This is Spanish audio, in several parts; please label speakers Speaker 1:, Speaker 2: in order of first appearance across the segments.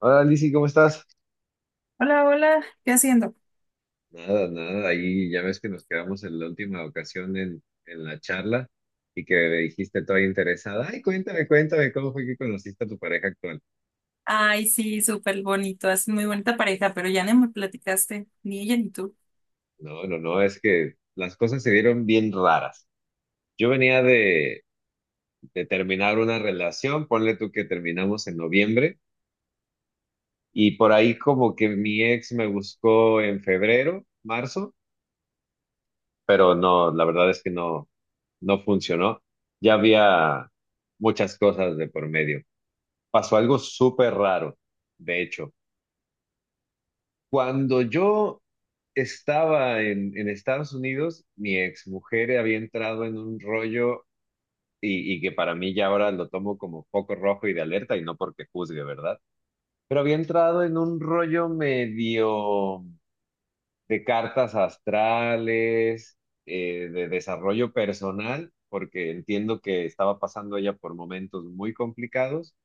Speaker 1: Hola, Lizzy, ¿cómo estás?
Speaker 2: Hola, hola, ¿qué haciendo?
Speaker 1: Nada, nada, ahí ya ves que nos quedamos en la última ocasión en la charla y que me dijiste toda interesada, ay, cuéntame, cuéntame, ¿cómo fue que conociste a tu pareja actual?
Speaker 2: Ay, sí, súper bonito, es muy bonita pareja, pero ya no me platicaste, ni ella ni tú.
Speaker 1: No, no, no, es que las cosas se dieron bien raras. Yo venía de terminar una relación, ponle tú que terminamos en noviembre y por ahí como que mi ex me buscó en febrero, marzo. Pero no, la verdad es que no, no funcionó. Ya había muchas cosas de por medio. Pasó algo súper raro, de hecho. Cuando yo estaba en Estados Unidos, mi exmujer había entrado en un rollo y que para mí ya ahora lo tomo como foco rojo y de alerta y no porque juzgue, ¿verdad? Pero había entrado en un rollo medio de cartas astrales, de desarrollo personal, porque entiendo que estaba pasando ella por momentos muy complicados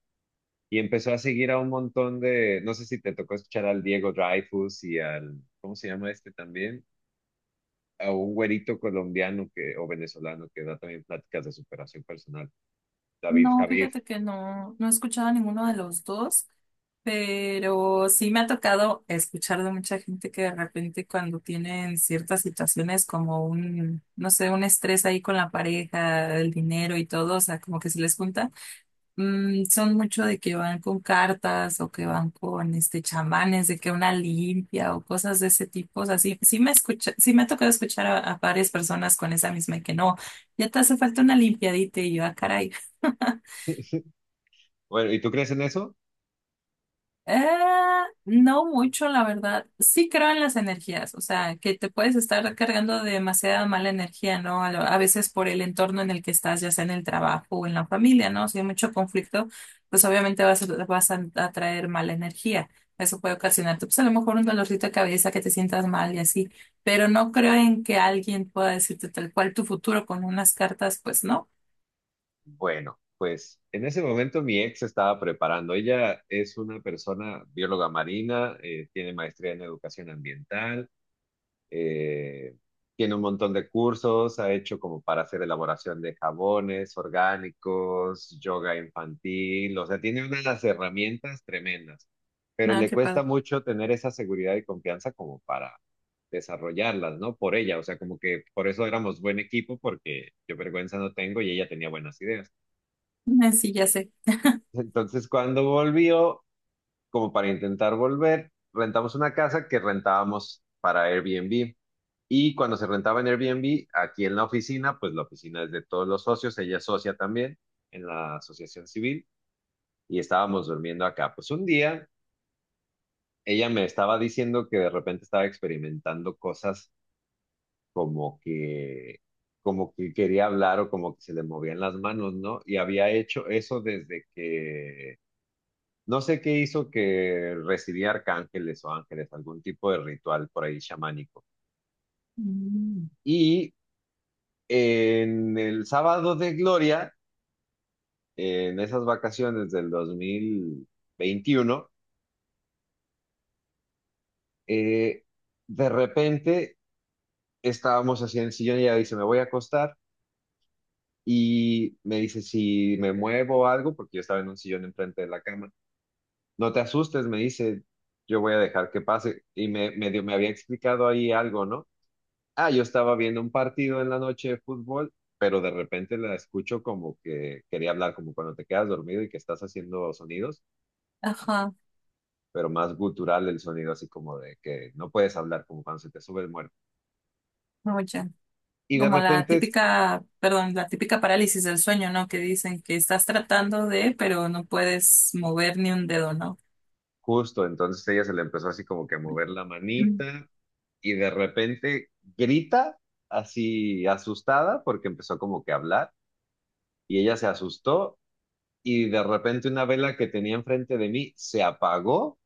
Speaker 1: y empezó a seguir a un montón de, no sé si te tocó escuchar al Diego Dreyfus y al, ¿cómo se llama este también? A un güerito colombiano que, o venezolano que da también pláticas de superación personal, David
Speaker 2: No,
Speaker 1: Javid.
Speaker 2: fíjate que no, no he escuchado a ninguno de los dos, pero sí me ha tocado escuchar de mucha gente que de repente cuando tienen ciertas situaciones como un, no sé, un estrés ahí con la pareja, el dinero y todo, o sea, como que se les junta. Mm, son mucho de que van con cartas o que van con este chamanes, de que una limpia o cosas de ese tipo. O sea, sí, sí me escucha, sí me ha tocado escuchar a varias personas con esa misma y que no, ya te hace falta una limpiadita y yo, ah, caray.
Speaker 1: Bueno, ¿y tú crees en eso?
Speaker 2: Eh, no mucho, la verdad. Sí creo en las energías, o sea, que te puedes estar cargando de demasiada mala energía, ¿no? A, lo- a veces por el entorno en el que estás, ya sea en el trabajo o en la familia, ¿no? Si hay mucho conflicto, pues obviamente vas, a- vas a atraer mala energía. Eso puede ocasionarte, pues a lo mejor un dolorcito de cabeza, que te sientas mal y así. Pero no creo en que alguien pueda decirte tal cual tu futuro con unas cartas, pues no,
Speaker 1: Bueno, pues en ese momento mi ex estaba preparando. Ella es una persona bióloga marina, tiene maestría en educación ambiental, eh, tiene un montón de cursos, ha hecho como para hacer elaboración de jabones orgánicos, yoga infantil, o sea, tiene unas herramientas tremendas, pero
Speaker 2: nada
Speaker 1: le
Speaker 2: que
Speaker 1: cuesta
Speaker 2: pueda.
Speaker 1: mucho tener esa seguridad y confianza como para desarrollarlas, ¿no? Por ella, o sea, como que por eso éramos buen equipo, porque yo vergüenza no tengo y ella tenía buenas ideas.
Speaker 2: Ah, sí, ya sé.
Speaker 1: Entonces, cuando volvió, como para intentar volver, rentamos una casa que rentábamos para Airbnb. Y cuando se rentaba en Airbnb, aquí en la oficina, pues la oficina es de todos los socios, ella es socia también en la asociación civil, y estábamos durmiendo acá. Pues un día ella me estaba diciendo que de repente estaba experimentando cosas como que, como que quería hablar o como que se le movían las manos, ¿no? Y había hecho eso desde que no sé qué hizo que recibía arcángeles o ángeles, algún tipo de ritual por ahí chamánico.
Speaker 2: Mm.
Speaker 1: Y en el sábado de Gloria, en esas vacaciones del 2021, eh, de repente estábamos así en el sillón y ella dice, me voy a acostar. Y me dice, si me muevo o algo, porque yo estaba en un sillón enfrente de la cama, no te asustes, me dice, yo voy a dejar que pase. Y me, medio me había explicado ahí algo, ¿no? Ah, yo estaba viendo un partido en la noche de fútbol, pero de repente la escucho como que quería hablar, como cuando te quedas dormido y que estás haciendo sonidos,
Speaker 2: Ajá,
Speaker 1: pero más gutural el sonido, así como de que no puedes hablar, como cuando se te sube el muerto.
Speaker 2: no, ya.
Speaker 1: Y de
Speaker 2: Como la
Speaker 1: repente, es
Speaker 2: típica, perdón, la típica parálisis del sueño, ¿no? Que dicen que estás tratando de, pero no puedes mover ni un dedo, ¿no?
Speaker 1: justo, entonces ella se le empezó así como que a mover la manita y de repente grita así asustada porque empezó como que a hablar y ella se asustó y de repente una vela que tenía enfrente de mí se apagó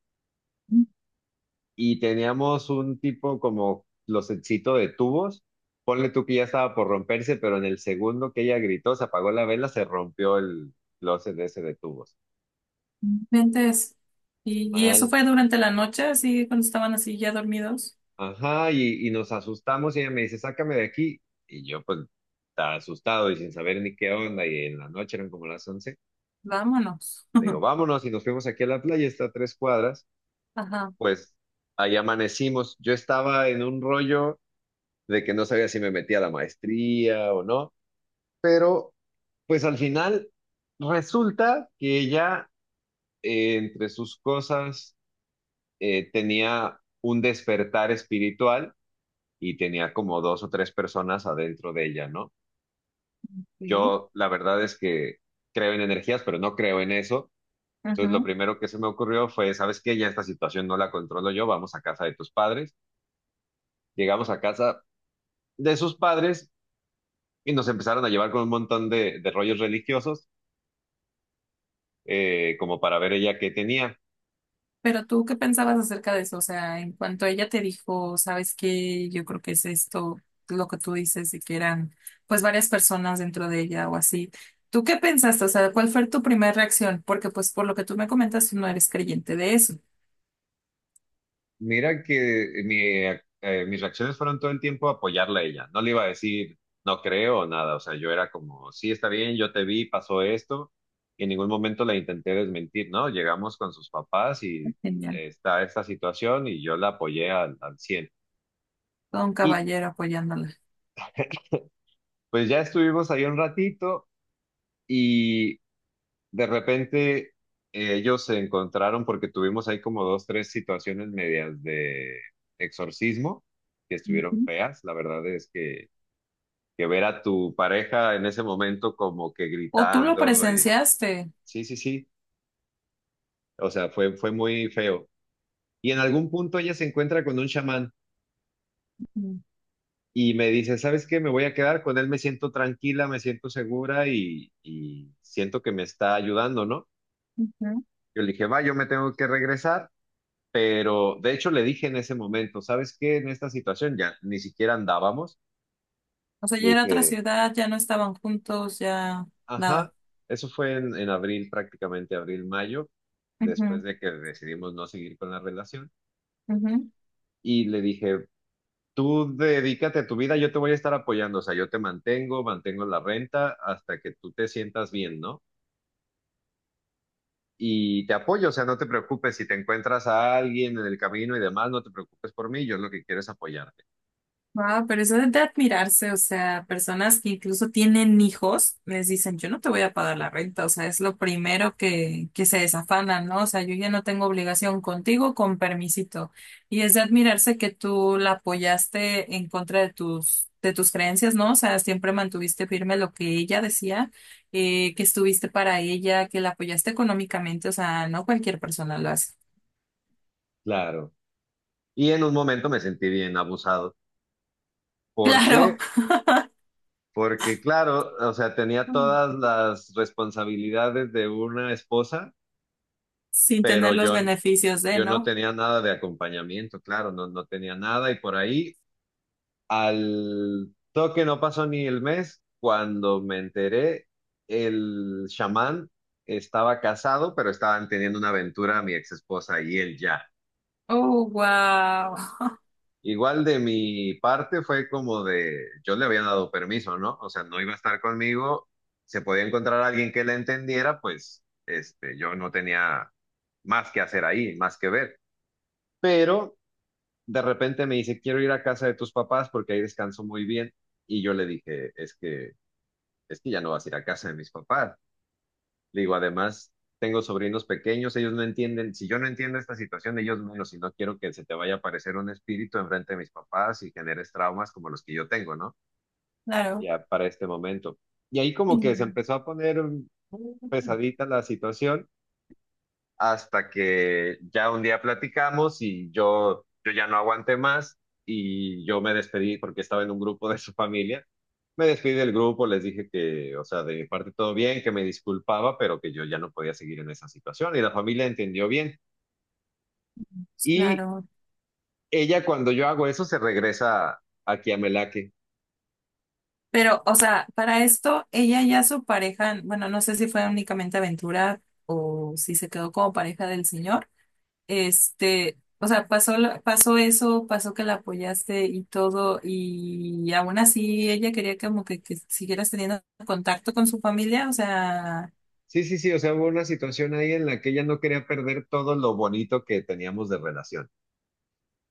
Speaker 1: y teníamos un tipo como los closetcito de tubos. Ponle tú que ya estaba por romperse, pero en el segundo que ella gritó, se apagó la vela, se rompió el closet ese de tubos.
Speaker 2: Entonces, y eso
Speaker 1: Mal.
Speaker 2: fue durante la noche, así cuando estaban así ya dormidos.
Speaker 1: Ajá, y nos asustamos y ella me dice, sácame de aquí. Y yo pues estaba asustado y sin saber ni qué onda, y en la noche eran como las 11.
Speaker 2: Vámonos.
Speaker 1: Le digo, vámonos y nos fuimos aquí a la playa, está a 3 cuadras.
Speaker 2: Ajá.
Speaker 1: Pues ahí amanecimos. Yo estaba en un rollo de que no sabía si me metía a la maestría o no. Pero pues al final resulta que ella entre sus cosas tenía un despertar espiritual y tenía como dos o tres personas adentro de ella, ¿no?
Speaker 2: Sí.
Speaker 1: Yo la verdad es que creo en energías, pero no creo en eso. Entonces lo primero que se me ocurrió fue, ¿sabes qué? Ya esta situación no la controlo yo, vamos a casa de tus padres. Llegamos a casa de sus padres y nos empezaron a llevar con un montón de rollos religiosos, como para ver ella qué tenía.
Speaker 2: Pero tú, ¿qué pensabas acerca de eso? O sea, en cuanto ella te dijo, ¿sabes qué? Yo creo que es esto, lo que tú dices, de que eran pues varias personas dentro de ella o así. ¿Tú qué pensaste? O sea, ¿cuál fue tu primera reacción? Porque pues por lo que tú me comentas, tú no eres creyente de eso.
Speaker 1: Mira que mi, mis reacciones fueron todo el tiempo apoyarla a ella. No le iba a decir, no creo, o nada. O sea, yo era como, sí, está bien, yo te vi, pasó esto. Y en ningún momento la intenté desmentir, ¿no? Llegamos con sus papás y
Speaker 2: Genial.
Speaker 1: está esta situación y yo la apoyé al 100.
Speaker 2: Todo un
Speaker 1: Y
Speaker 2: caballero apoyándola.
Speaker 1: pues ya estuvimos ahí un ratito y de repente ellos se encontraron porque tuvimos ahí como dos, tres situaciones medias de exorcismo que estuvieron
Speaker 2: Ujú.
Speaker 1: feas. La verdad es que ver a tu pareja en ese momento como que
Speaker 2: O tú lo
Speaker 1: gritando.
Speaker 2: presenciaste.
Speaker 1: Sí, sí, sí. O sea, fue muy feo. Y en algún punto ella se encuentra con un chamán
Speaker 2: Ujú.
Speaker 1: y me dice, ¿sabes qué? Me voy a quedar con él, me siento tranquila, me siento segura y siento que me está ayudando, ¿no?
Speaker 2: Ujú.
Speaker 1: Yo le dije, va, yo me tengo que regresar, pero de hecho le dije en ese momento, ¿sabes qué? En esta situación ya ni siquiera andábamos.
Speaker 2: O sea,
Speaker 1: Le
Speaker 2: ya era otra
Speaker 1: dije,
Speaker 2: ciudad, ya no estaban juntos, ya nada.
Speaker 1: ajá, eso fue en abril, prácticamente abril, mayo, después
Speaker 2: Ujú,
Speaker 1: de que decidimos no seguir con la relación.
Speaker 2: ujú.
Speaker 1: Y le dije, tú dedícate a tu vida, yo te voy a estar apoyando, o sea, yo te mantengo, mantengo la renta hasta que tú te sientas bien, ¿no? Y te apoyo, o sea, no te preocupes, si te encuentras a alguien en el camino y demás, no te preocupes por mí, yo lo que quiero es apoyarte.
Speaker 2: Wow, pero eso es de admirarse, o sea, personas que incluso tienen hijos, les dicen, yo no te voy a pagar la renta, o sea, es lo primero que se desafanan, ¿no? O sea, yo ya no tengo obligación contigo, con permisito. Y es de admirarse que tú la apoyaste en contra de tus creencias, ¿no? O sea, siempre mantuviste firme lo que ella decía, que estuviste para ella, que la apoyaste económicamente, o sea, no cualquier persona lo hace.
Speaker 1: Claro. Y en un momento me sentí bien abusado.
Speaker 2: Claro.
Speaker 1: Porque porque claro, o sea, tenía todas las responsabilidades de una esposa,
Speaker 2: Sin
Speaker 1: pero
Speaker 2: tener los
Speaker 1: yo,
Speaker 2: beneficios de,
Speaker 1: yo no
Speaker 2: ¿no?
Speaker 1: tenía nada de acompañamiento, claro, no, no tenía nada y por ahí al toque no pasó ni el mes cuando me enteré, el chamán estaba casado, pero estaban teniendo una aventura mi ex esposa y él ya.
Speaker 2: Oh, wow.
Speaker 1: Igual de mi parte fue como de, yo le había dado permiso, ¿no? O sea, no iba a estar conmigo, se podía encontrar a alguien que le entendiera, pues este, yo no tenía más que hacer ahí, más que ver. Pero de repente me dice, quiero ir a casa de tus papás porque ahí descanso muy bien. Y yo le dije, es que ya no vas a ir a casa de mis papás. Digo, además, tengo sobrinos pequeños, ellos no entienden, si yo no entiendo esta situación, ellos menos, y no quiero que se te vaya a aparecer un espíritu enfrente de mis papás y generes traumas como los que yo tengo, ¿no?
Speaker 2: Claro.
Speaker 1: Ya para este momento. Y ahí como que se
Speaker 2: Mm.
Speaker 1: empezó a poner pesadita la situación hasta que ya un día platicamos y yo ya no aguanté más y yo me despedí porque estaba en un grupo de su familia. Me despedí del grupo, les dije que, o sea, de mi parte todo bien, que me disculpaba, pero que yo ya no podía seguir en esa situación y la familia entendió bien. Y
Speaker 2: Claro.
Speaker 1: ella cuando yo hago eso se regresa aquí a Melaque.
Speaker 2: Pero, o sea, para esto, ella ya su pareja, bueno, no sé si fue únicamente aventura o si se quedó como pareja del señor. Este, o sea, pasó, lo- pasó eso, pasó que la apoyaste y todo, y aún así ella quería como que siguieras teniendo contacto con su familia, o sea.
Speaker 1: Sí, sí, sí, o sea, hubo una situación ahí en la que ella no quería perder todo lo bonito que teníamos de relación.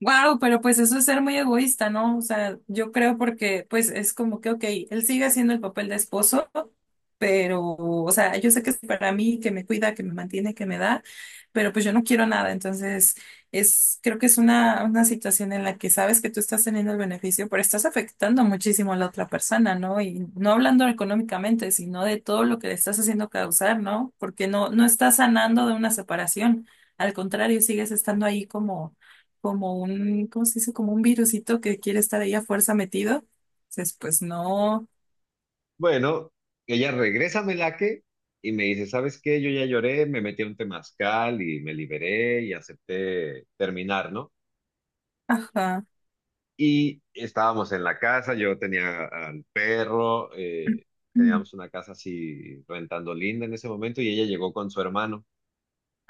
Speaker 2: Wow, pero pues eso es ser muy egoísta, ¿no? O sea, yo creo porque pues es como que, ok, él sigue haciendo el papel de esposo, pero, o sea, yo sé que es para mí, que me cuida, que me mantiene, que me da, pero pues yo no quiero nada. Entonces, es, creo que es una situación en la que sabes que tú estás teniendo el beneficio, pero estás afectando muchísimo a la otra persona, ¿no? Y no hablando económicamente, sino de todo lo que le estás haciendo causar, ¿no? Porque no, no estás sanando de una separación. Al contrario, sigues estando ahí como un, ¿cómo se dice? Como un virusito que quiere estar ahí a fuerza metido. Entonces, pues no.
Speaker 1: Bueno, ella regresa a Melaque y me dice, ¿sabes qué? Yo ya lloré, me metí a un temazcal y me liberé y acepté terminar, ¿no?
Speaker 2: Ajá.
Speaker 1: Y estábamos en la casa, yo tenía al perro,
Speaker 2: Mm.
Speaker 1: teníamos una casa así rentando linda en ese momento y ella llegó con su hermano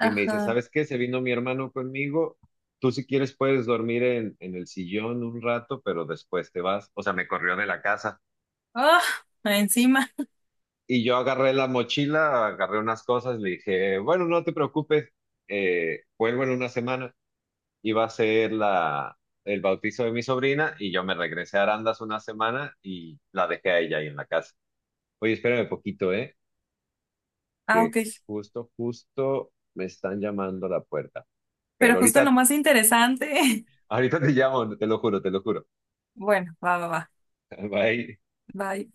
Speaker 1: y me dice, ¿sabes qué? Se vino mi hermano conmigo, tú si quieres puedes dormir en el sillón un rato, pero después te vas, o sea, me corrió de la casa.
Speaker 2: Ah, encima.
Speaker 1: Y yo agarré la mochila, agarré unas cosas, le dije, bueno, no te preocupes, vuelvo en 1 semana. Iba a ser el bautizo de mi sobrina y yo me regresé a Arandas 1 semana y la dejé a ella ahí en la casa. Oye, espérame poquito, ¿eh?
Speaker 2: Ah,
Speaker 1: Que
Speaker 2: ok.
Speaker 1: justo, justo me están llamando a la puerta.
Speaker 2: Pero
Speaker 1: Pero
Speaker 2: justo en lo más interesante.
Speaker 1: ahorita te llamo, te lo juro, te lo juro.
Speaker 2: Bueno, va, va, va.
Speaker 1: Bye.
Speaker 2: Bye.